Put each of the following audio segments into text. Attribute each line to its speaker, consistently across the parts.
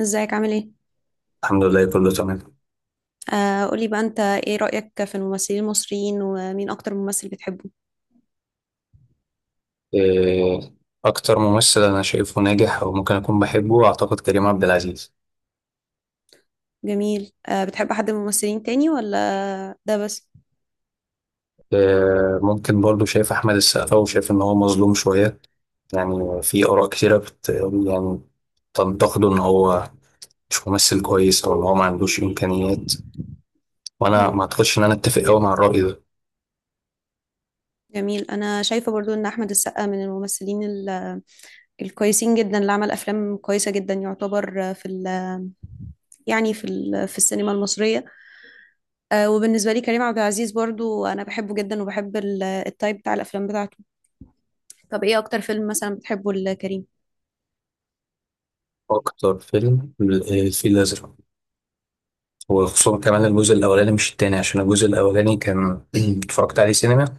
Speaker 1: ازيك عامل ايه؟
Speaker 2: الحمد لله كله تمام.
Speaker 1: آه قولي بقى انت ايه رأيك في الممثلين المصريين ومين اكتر ممثل بتحبه؟
Speaker 2: إيه، أكتر ممثل أنا شايفه ناجح أو ممكن أكون بحبه أعتقد كريم عبد العزيز.
Speaker 1: جميل. آه بتحب حد من الممثلين تاني ولا ده بس؟
Speaker 2: ممكن برضه شايف أحمد السقا وشايف إن هو مظلوم شوية، يعني في آراء كتيرة بت يعني تنتقده إن هو مش ممثل كويس أو إن هو ما عندوش إمكانيات، وأنا
Speaker 1: مم.
Speaker 2: ما أعتقدش إن أنا أتفق أوي مع الرأي ده.
Speaker 1: جميل، انا شايفة برضو ان احمد السقا من الممثلين ال- الكويسين جدا اللي عمل افلام كويسة جدا، يعتبر في ال يعني في ال في السينما المصرية. آه، وبالنسبة لي كريم عبد العزيز برضو انا بحبه جدا، وبحب ال- التايب بتاع الافلام بتاعته. طب ايه اكتر فيلم مثلا بتحبه لكريم؟
Speaker 2: أكتر فيلم الفيل الأزرق، وخصوصا كمان الجزء الأولاني مش التاني، عشان الجزء الأولاني كان اتفرجت عليه سينما،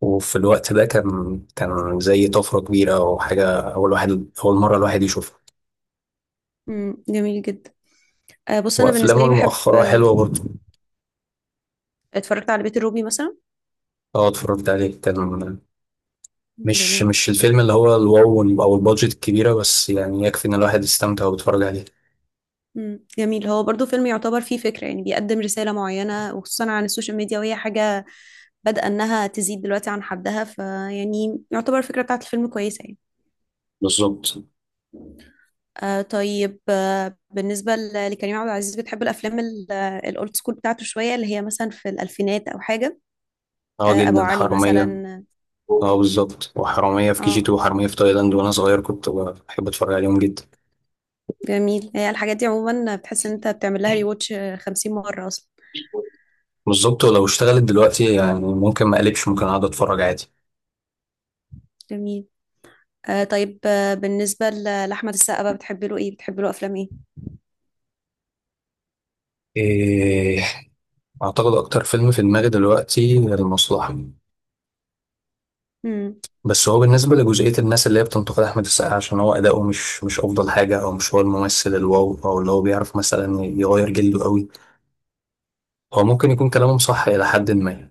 Speaker 2: وفي الوقت ده كان زي طفرة كبيرة وحاجة، أول واحد أول مرة الواحد يشوفها.
Speaker 1: مم. جميل جدا. آه بص، انا بالنسبة
Speaker 2: وأفلامه
Speaker 1: لي بحب.
Speaker 2: المؤخرة حلوة برضه.
Speaker 1: اتفرجت على بيت الروبي مثلا.
Speaker 2: أه، اتفرجت عليه، كان مش
Speaker 1: جميل.
Speaker 2: مش الفيلم اللي هو الواو أو البادجت الكبيرة، بس يعني يكفي إن الواحد يستمتع ويتفرج عليه.
Speaker 1: مم. جميل، هو برضو فيلم يعتبر فيه فكرة، يعني بيقدم رسالة معينة وخصوصا عن السوشيال ميديا، وهي حاجة بدأ إنها تزيد دلوقتي عن حدها، فيعني يعتبر الفكرة بتاعت الفيلم كويسة يعني.
Speaker 2: بالظبط.
Speaker 1: آه طيب، آه بالنسبة ل- لكريم عبد العزيز، بتحب الأفلام ال- الأولد سكول بتاعته شوية، اللي هي مثلا في الألفينات أو حاجة. آه
Speaker 2: أه
Speaker 1: أبو
Speaker 2: جدا،
Speaker 1: علي
Speaker 2: حرامية.
Speaker 1: مثلا.
Speaker 2: أه بالظبط، وحرامية في كي جي
Speaker 1: اه
Speaker 2: تو وحرامية في تايلاند، وأنا صغير كنت بحب أتفرج عليهم جدا.
Speaker 1: جميل. هي الحاجات دي عموما بتحس إن أنت بتعمل لها ريواتش 50 مرة أصلا.
Speaker 2: بالظبط، ولو اشتغلت دلوقتي يعني ممكن ما أقلبش، ممكن أقعد أتفرج عادي.
Speaker 1: جميل. آه طيب، آه بالنسبة ل- لأحمد السقا بقى، بتحبي له إيه، بتحبي له أفلام إيه.
Speaker 2: إيه أعتقد أكتر فيلم في دماغي دلوقتي المصلحة.
Speaker 1: مم.
Speaker 2: بس هو بالنسبة لجزئية الناس اللي هي بتنتقد أحمد السقا عشان هو أداؤه مش أفضل حاجة، أو مش هو الممثل الواو أو اللي هو بيعرف مثلا يغير جلده قوي، هو ممكن يكون كلامهم صح إلى حد ما.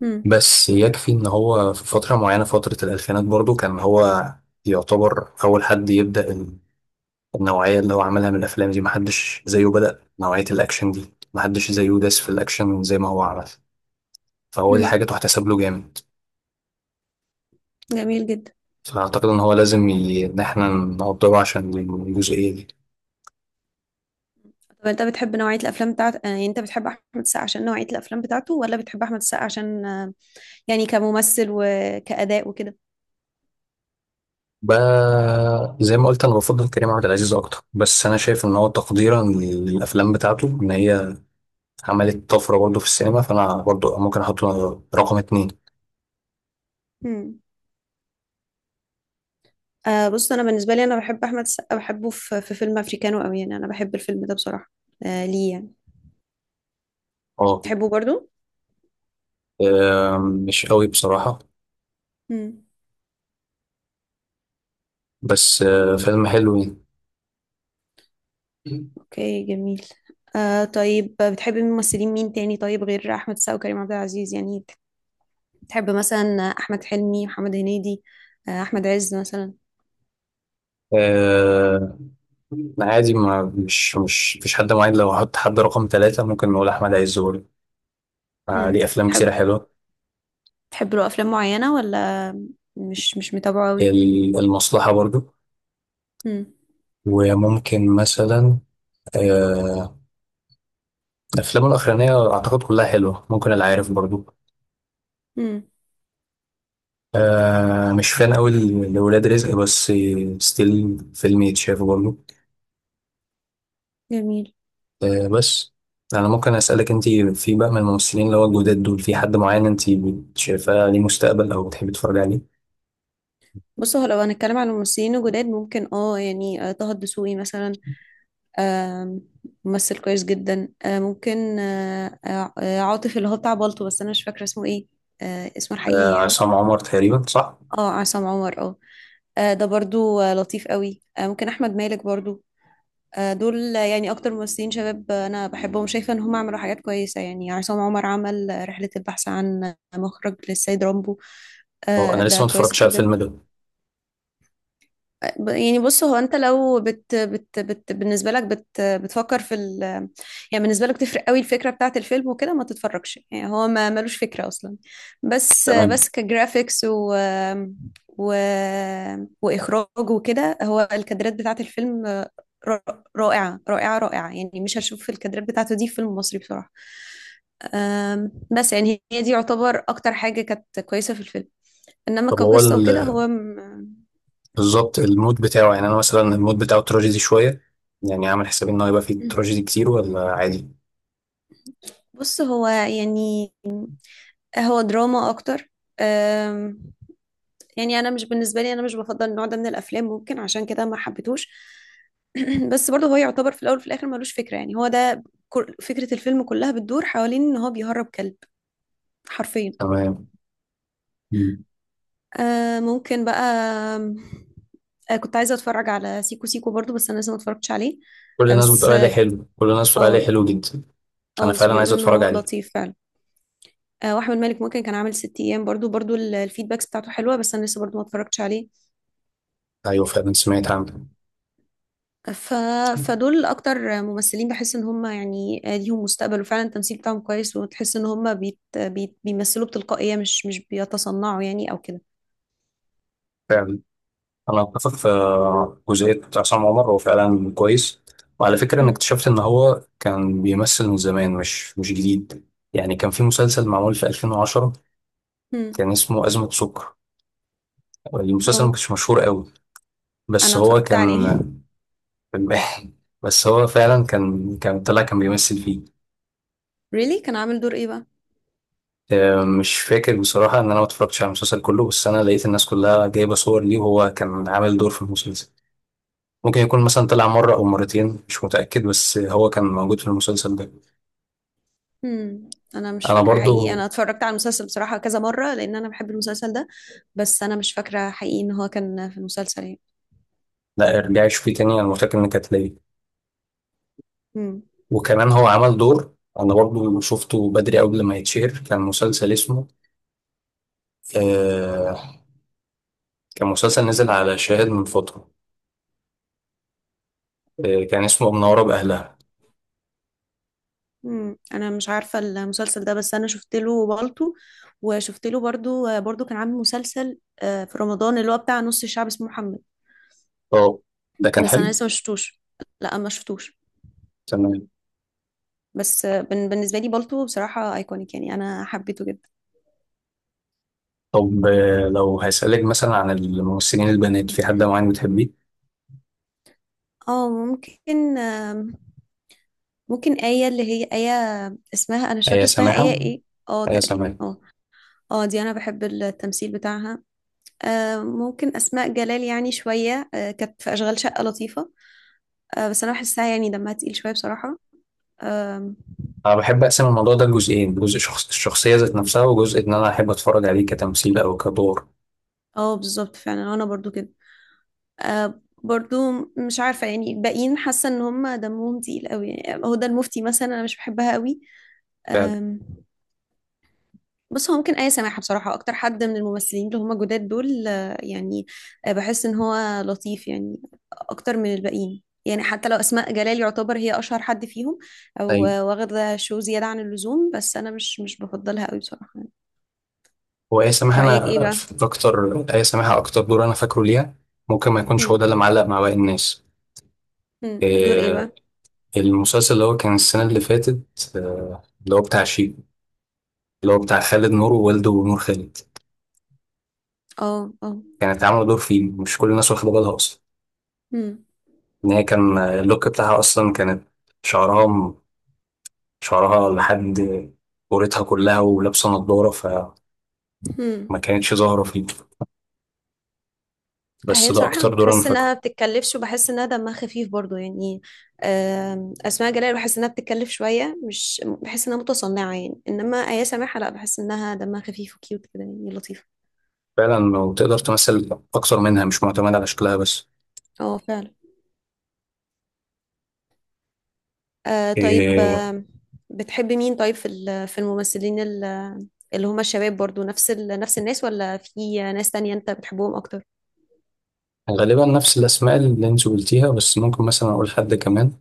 Speaker 1: مم.
Speaker 2: بس يكفي إن هو في فترة معينة، فترة الألفينات برضو، كان هو يعتبر أول حد يبدأ النوعية اللي هو عملها من الأفلام دي، محدش زيه بدأ نوعية الأكشن دي، محدش زيه داس في الأكشن زي ما هو عمل، فهو دي
Speaker 1: مم.
Speaker 2: حاجة تحتسب له جامد.
Speaker 1: جميل جدا.
Speaker 2: فأعتقد إن هو لازم إن إحنا نقدره عشان الجزئية دي.
Speaker 1: طب أنت بتحب نوعية الأفلام بتاعت يعني، أنت بتحب أحمد السقا عشان نوعية الأفلام بتاعته، ولا بتحب أحمد السقا عشان آه، يعني كممثل وكأداء وكده.
Speaker 2: ب... زي ما قلت، أنا بفضل كريم عبد العزيز أكتر، بس أنا شايف إن هو تقديرا للأفلام بتاعته، إن هي عملت طفرة برضه في السينما، فأنا برضه ممكن أحطه رقم اتنين.
Speaker 1: مم. آه بص، أنا بالنسبة لي أنا بحب أحمد السقا، بحبه في، في فيلم أفريكانو أوي، يعني أنا بحب الفيلم ده بصراحة. آه ليه يعني،
Speaker 2: أه.
Speaker 1: تحبه برضو.
Speaker 2: مش قوي بصراحة،
Speaker 1: مم.
Speaker 2: بس فيلم حلو يعني.
Speaker 1: أوكي، جميل. آه طيب، بتحبي ممثلين مين تاني طيب غير أحمد السقا وكريم عبد العزيز؟ يعني تحب مثلا احمد حلمي، محمد هنيدي، آه، احمد عز مثلا.
Speaker 2: آه، عادي، ما مش مش مفيش حد معين، لو هحط حد رقم ثلاثة ممكن نقول أحمد عز برضه،
Speaker 1: امم.
Speaker 2: ليه أفلام كتيرة
Speaker 1: تحب،
Speaker 2: حلوة.
Speaker 1: تحب له افلام معينه ولا مش متابعه قوي.
Speaker 2: المصلحة برضو،
Speaker 1: امم.
Speaker 2: وممكن مثلا آه، أفلامه الأخرانية أعتقد كلها حلوة، ممكن العارف برضو.
Speaker 1: امم.
Speaker 2: مش فان أوي لولاد رزق، بس ستيل فيلم يتشاف برضو.
Speaker 1: جميل.
Speaker 2: بس أنا ممكن أسألك أنت، في بقى من الممثلين اللي هو الجداد دول في حد معين أنت شايفاه ليه مستقبل أو بتحبي تتفرجي عليه؟
Speaker 1: بص، هو لو هنتكلم عن الممثلين الجداد، ممكن اه يعني آه، طه الدسوقي مثلا. آم، ممثل كويس جدا. آه، ممكن عاطف اللي هو بتاع بالطو، بس انا مش فاكره اسمه ايه، آه، اسمه الحقيقي يعني.
Speaker 2: عصام عمر تقريبا صح؟
Speaker 1: اه عصام عمر، اه. آه، ده برضو آه، لطيف قوي. آه، ممكن احمد مالك برضو. آه، دول يعني اكتر ممثلين شباب انا بحبهم، شايفه ان هم عملوا حاجات كويسه. يعني عصام عمر عمل رحله البحث عن مخرج للسيد رامبو،
Speaker 2: هو
Speaker 1: آه،
Speaker 2: أنا لسه
Speaker 1: ده
Speaker 2: ما
Speaker 1: كويس
Speaker 2: اتفرجتش على
Speaker 1: جدا.
Speaker 2: الفيلم ده.
Speaker 1: يعني بص، هو انت لو بت بالنسبه لك بت بتفكر في ال يعني، بالنسبه لك تفرق قوي الفكره بتاعه الفيلم وكده ما تتفرجش، يعني هو ما ملوش فكره اصلا، بس
Speaker 2: تمام.
Speaker 1: بس كجرافيكس و واخراج وكده، هو الكادرات بتاعه الفيلم ر- رائعه، يعني مش هشوف الكادرات بتاعته دي في فيلم مصري بصراحه. أم، بس يعني هي دي يعتبر اكتر حاجه كانت كويسه في الفيلم. انما
Speaker 2: طب هو
Speaker 1: كقصه وكده هو م-
Speaker 2: بالظبط المود بتاعه، يعني انا مثلا المود بتاعه تراجيدي شويه، يعني عامل حسابي ان هو يبقى فيه تراجيدي كتير ولا عادي.
Speaker 1: بص هو يعني هو دراما اكتر. أم، يعني انا مش، بالنسبه لي انا مش بفضل النوع ده من الافلام، ممكن عشان كده ما حبيتهوش. بس برضه هو يعتبر في الاول وفي الاخر ملوش فكره، يعني هو ده كل- فكره الفيلم كلها بتدور حوالين ان هو بيهرب كلب، حرفيا.
Speaker 2: تمام. مم.
Speaker 1: أه، ممكن بقى أم، أه، كنت عايزه اتفرج على سيكو سيكو برضه، بس انا لسه ما اتفرجتش عليه.
Speaker 2: كل
Speaker 1: أه،
Speaker 2: الناس
Speaker 1: بس
Speaker 2: بتقول عليه حلو، كل الناس بتقول
Speaker 1: اه،
Speaker 2: عليه حلو جدا.
Speaker 1: اه
Speaker 2: انا
Speaker 1: بس
Speaker 2: فعلا عايز
Speaker 1: بيقولوا ان
Speaker 2: اتفرج
Speaker 1: هو
Speaker 2: عليه.
Speaker 1: لطيف فعلا. أه، واحمد مالك ممكن كان عامل ست ايام برضه، برضه ال- الفيدباكس بتاعته حلوه، بس انا لسه برضه ما اتفرجتش عليه.
Speaker 2: ايوه فعلا، سمعت عنه.
Speaker 1: ف... فدول اكتر ممثلين بحس ان هم يعني ليهم مستقبل، وفعلا التمثيل بتاعهم كويس، وتحس ان هم بيمثلوا بتلقائية، مش بيتصنعوا يعني او كده.
Speaker 2: فعلا، انا اتفق في جزئيه عصام عمر، هو فعلا كويس. وعلى فكره انا
Speaker 1: هم
Speaker 2: اكتشفت ان هو كان بيمثل من زمان، مش جديد. يعني كان في مسلسل معمول في 2010،
Speaker 1: هم
Speaker 2: كان اسمه ازمه سكر، المسلسل ما
Speaker 1: اه
Speaker 2: كانش مشهور قوي، بس
Speaker 1: انا
Speaker 2: هو
Speaker 1: اتفرجت
Speaker 2: كان
Speaker 1: عليه
Speaker 2: فنان. بس هو فعلا كان طلع، كان بيمثل فيه.
Speaker 1: really كان عامل دور ايه بقى.
Speaker 2: مش فاكر بصراحة إن أنا ما اتفرجتش على المسلسل كله، بس أنا لقيت الناس كلها جايبة صور ليه، وهو كان عامل دور في المسلسل. ممكن يكون مثلا طلع مرة أو مرتين، مش متأكد، بس هو كان موجود في المسلسل ده.
Speaker 1: هم انا مش
Speaker 2: أنا
Speaker 1: فاكره حقيقي،
Speaker 2: برضو.
Speaker 1: انا اتفرجت على المسلسل بصراحه كذا مره لان انا بحب المسلسل ده، بس انا مش فاكره حقيقي ان هو كان في المسلسل
Speaker 2: لا، ارجعي شوفيه تاني، أنا متأكد إنك هتلاقيه،
Speaker 1: يعني.
Speaker 2: وكمان هو عمل دور. أنا برضو شفته بدري قبل ما يتشهر، كان مسلسل اسمه آه كان مسلسل نزل على شاهد من فترة، كان اسمه منورة بأهلها.
Speaker 1: مم. انا مش عارفه المسلسل ده، بس انا شفت له بالطو، وشفت له برضو كان عامل مسلسل آه، في رمضان اللي هو بتاع نص الشعب اسمه محمد،
Speaker 2: اه ده كان
Speaker 1: بس انا
Speaker 2: حلو.
Speaker 1: لسه ما شفتوش، لا ما شفتوش.
Speaker 2: تمام.
Speaker 1: بس آه، بن- بالنسبه لي بالطو بصراحه ايكونيك، يعني انا حبيته جدا.
Speaker 2: طب لو هسألك مثلا عن الممثلين البنات في حد معين بتحبيه.
Speaker 1: اه ممكن آم، ممكن آية، اللي هي آية اسمها، انا مش فاكره
Speaker 2: هي
Speaker 1: اسمها آية
Speaker 2: سماحة.
Speaker 1: ايه. اه
Speaker 2: هي
Speaker 1: تقريبا
Speaker 2: سماحة.
Speaker 1: اه. اه دي انا بحب التمثيل بتاعها. آه، ممكن اسماء جلال يعني شويه، آه، كانت في اشغال شقه لطيفه. آه بس انا بحسها يعني دمها تقيل شويه بصراحه. آم،
Speaker 2: أنا بحب أقسم الموضوع ده لجزئين، جزء شخص الشخصية ذات نفسها، وجزء إن أنا أحب أتفرج عليه كتمثيل أو كدور.
Speaker 1: اه بالظبط، فعلا انا برضو كده. آه برضو، مش عارفه يعني الباقيين، حاسه ان هم دمهم تقيل قوي، يعني هدى المفتي مثلا انا مش بحبها قوي.
Speaker 2: فعلا.
Speaker 1: آم، بس هو ممكن آية سماحة بصراحة أكتر حد من الممثلين اللي هم جداد دول، آه، يعني آه، بحس إن هو لطيف يعني، أكتر من الباقيين. يعني حتى لو أسماء جلال يعتبر هي أشهر حد فيهم، أو
Speaker 2: أيوة.
Speaker 1: آه، واخدة شو زيادة عن اللزوم، بس أنا مش بفضلها قوي بصراحة.
Speaker 2: وآية سماحة،
Speaker 1: رأيك
Speaker 2: أنا
Speaker 1: إيه
Speaker 2: في أكتر آية سماحة أكتر دور أنا فاكره ليها، ممكن ما يكونش هو
Speaker 1: بقى؟
Speaker 2: ده اللي معلق مع باقي الناس.
Speaker 1: مم. دور ايه بقى.
Speaker 2: آه، المسلسل اللي هو كان السنة اللي فاتت، اللي هو بتاع شيكو، اللي هو بتاع خالد نور ووالده نور خالد،
Speaker 1: اه اه.
Speaker 2: كانت عاملة دور فيه مش كل الناس واخدة بالها أصلا،
Speaker 1: مم.
Speaker 2: ان هي كان اللوك بتاعها اصلا كانت شعرها م- شعرها لحد قورتها كلها، ولابسه نضاره فما
Speaker 1: مم.
Speaker 2: كانتش ظاهره فيه.
Speaker 1: هي
Speaker 2: بس ده
Speaker 1: بصراحة أنا
Speaker 2: اكتر دور انا
Speaker 1: بحس
Speaker 2: فاكره.
Speaker 1: إنها بتتكلفش، وبحس إنها دمها خفيف برضو يعني. آم، أسماء جلال بحس إنها بتتكلف شوية، مش بحس إنها متصنعة يعني، إنما آية سماحة لا، بحس إنها دمها خفيف وكيوت كده، يعني لطيفة.
Speaker 2: فعلا، وتقدر تمثل اكتر منها، مش معتمد على شكلها بس.
Speaker 1: اه فعلا. آه طيب
Speaker 2: إيه
Speaker 1: آم، بتحبي مين طيب في ال- في الممثلين ال- اللي هما الشباب، برضو نفس نفس الناس، ولا في ناس تانية أنت بتحبهم أكتر؟
Speaker 2: غالبا نفس الاسماء اللي انت قلتيها، بس ممكن مثلا اقول حد كمان.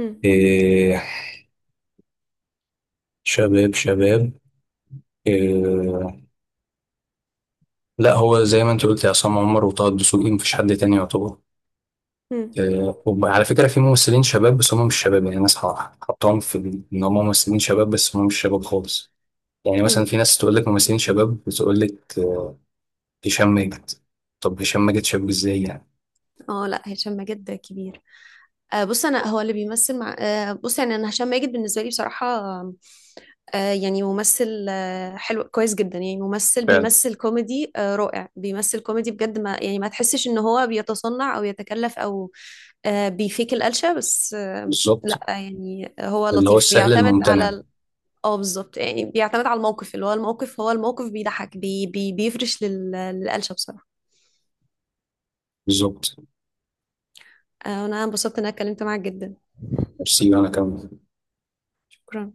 Speaker 1: مم.
Speaker 2: إيه شباب شباب. إيه لا، هو زي ما انت قلت عصام عمر وطه الدسوقي، مفيش حد تاني يعتبر.
Speaker 1: مم.
Speaker 2: وعلى فكرة في ممثلين شباب بس هم مش شباب، يعني ناس حطاهم في إن هم ممثلين شباب، بس هم مش شباب خالص. يعني مثلا
Speaker 1: مم.
Speaker 2: في ناس تقول لك ممثلين شباب بتقول لك هشام ماجد. طب هشام ماجد شاب إزاي يعني.
Speaker 1: اه لا، هشام ماجد كبير. آه، بص انا هو اللي بيمثل مع آه، بص يعني انا هشام ماجد بالنسبه لي بصراحه آه، يعني ممثل آه، حلو كويس جدا، يعني ممثل
Speaker 2: فعلا.
Speaker 1: بيمثل كوميدي آه، رائع، بيمثل كوميدي بجد، ما يعني ما تحسش ان هو بيتصنع او يتكلف او آه، بيفيك القلشه، بس آه،
Speaker 2: بالظبط،
Speaker 1: لا يعني هو
Speaker 2: اللي هو
Speaker 1: لطيف،
Speaker 2: السهل
Speaker 1: بيعتمد على
Speaker 2: الممتنع.
Speaker 1: ال- اه بالظبط، يعني بيعتمد على الموقف، اللي هو الموقف، هو الموقف بيضحك، بي بي بيفرش لل- للقلشه بصراحه.
Speaker 2: بالظبط.
Speaker 1: آه، انا انبسطت ان انا اتكلمت معاك جدا.
Speaker 2: سيبي أنا كمان.
Speaker 1: شكرا.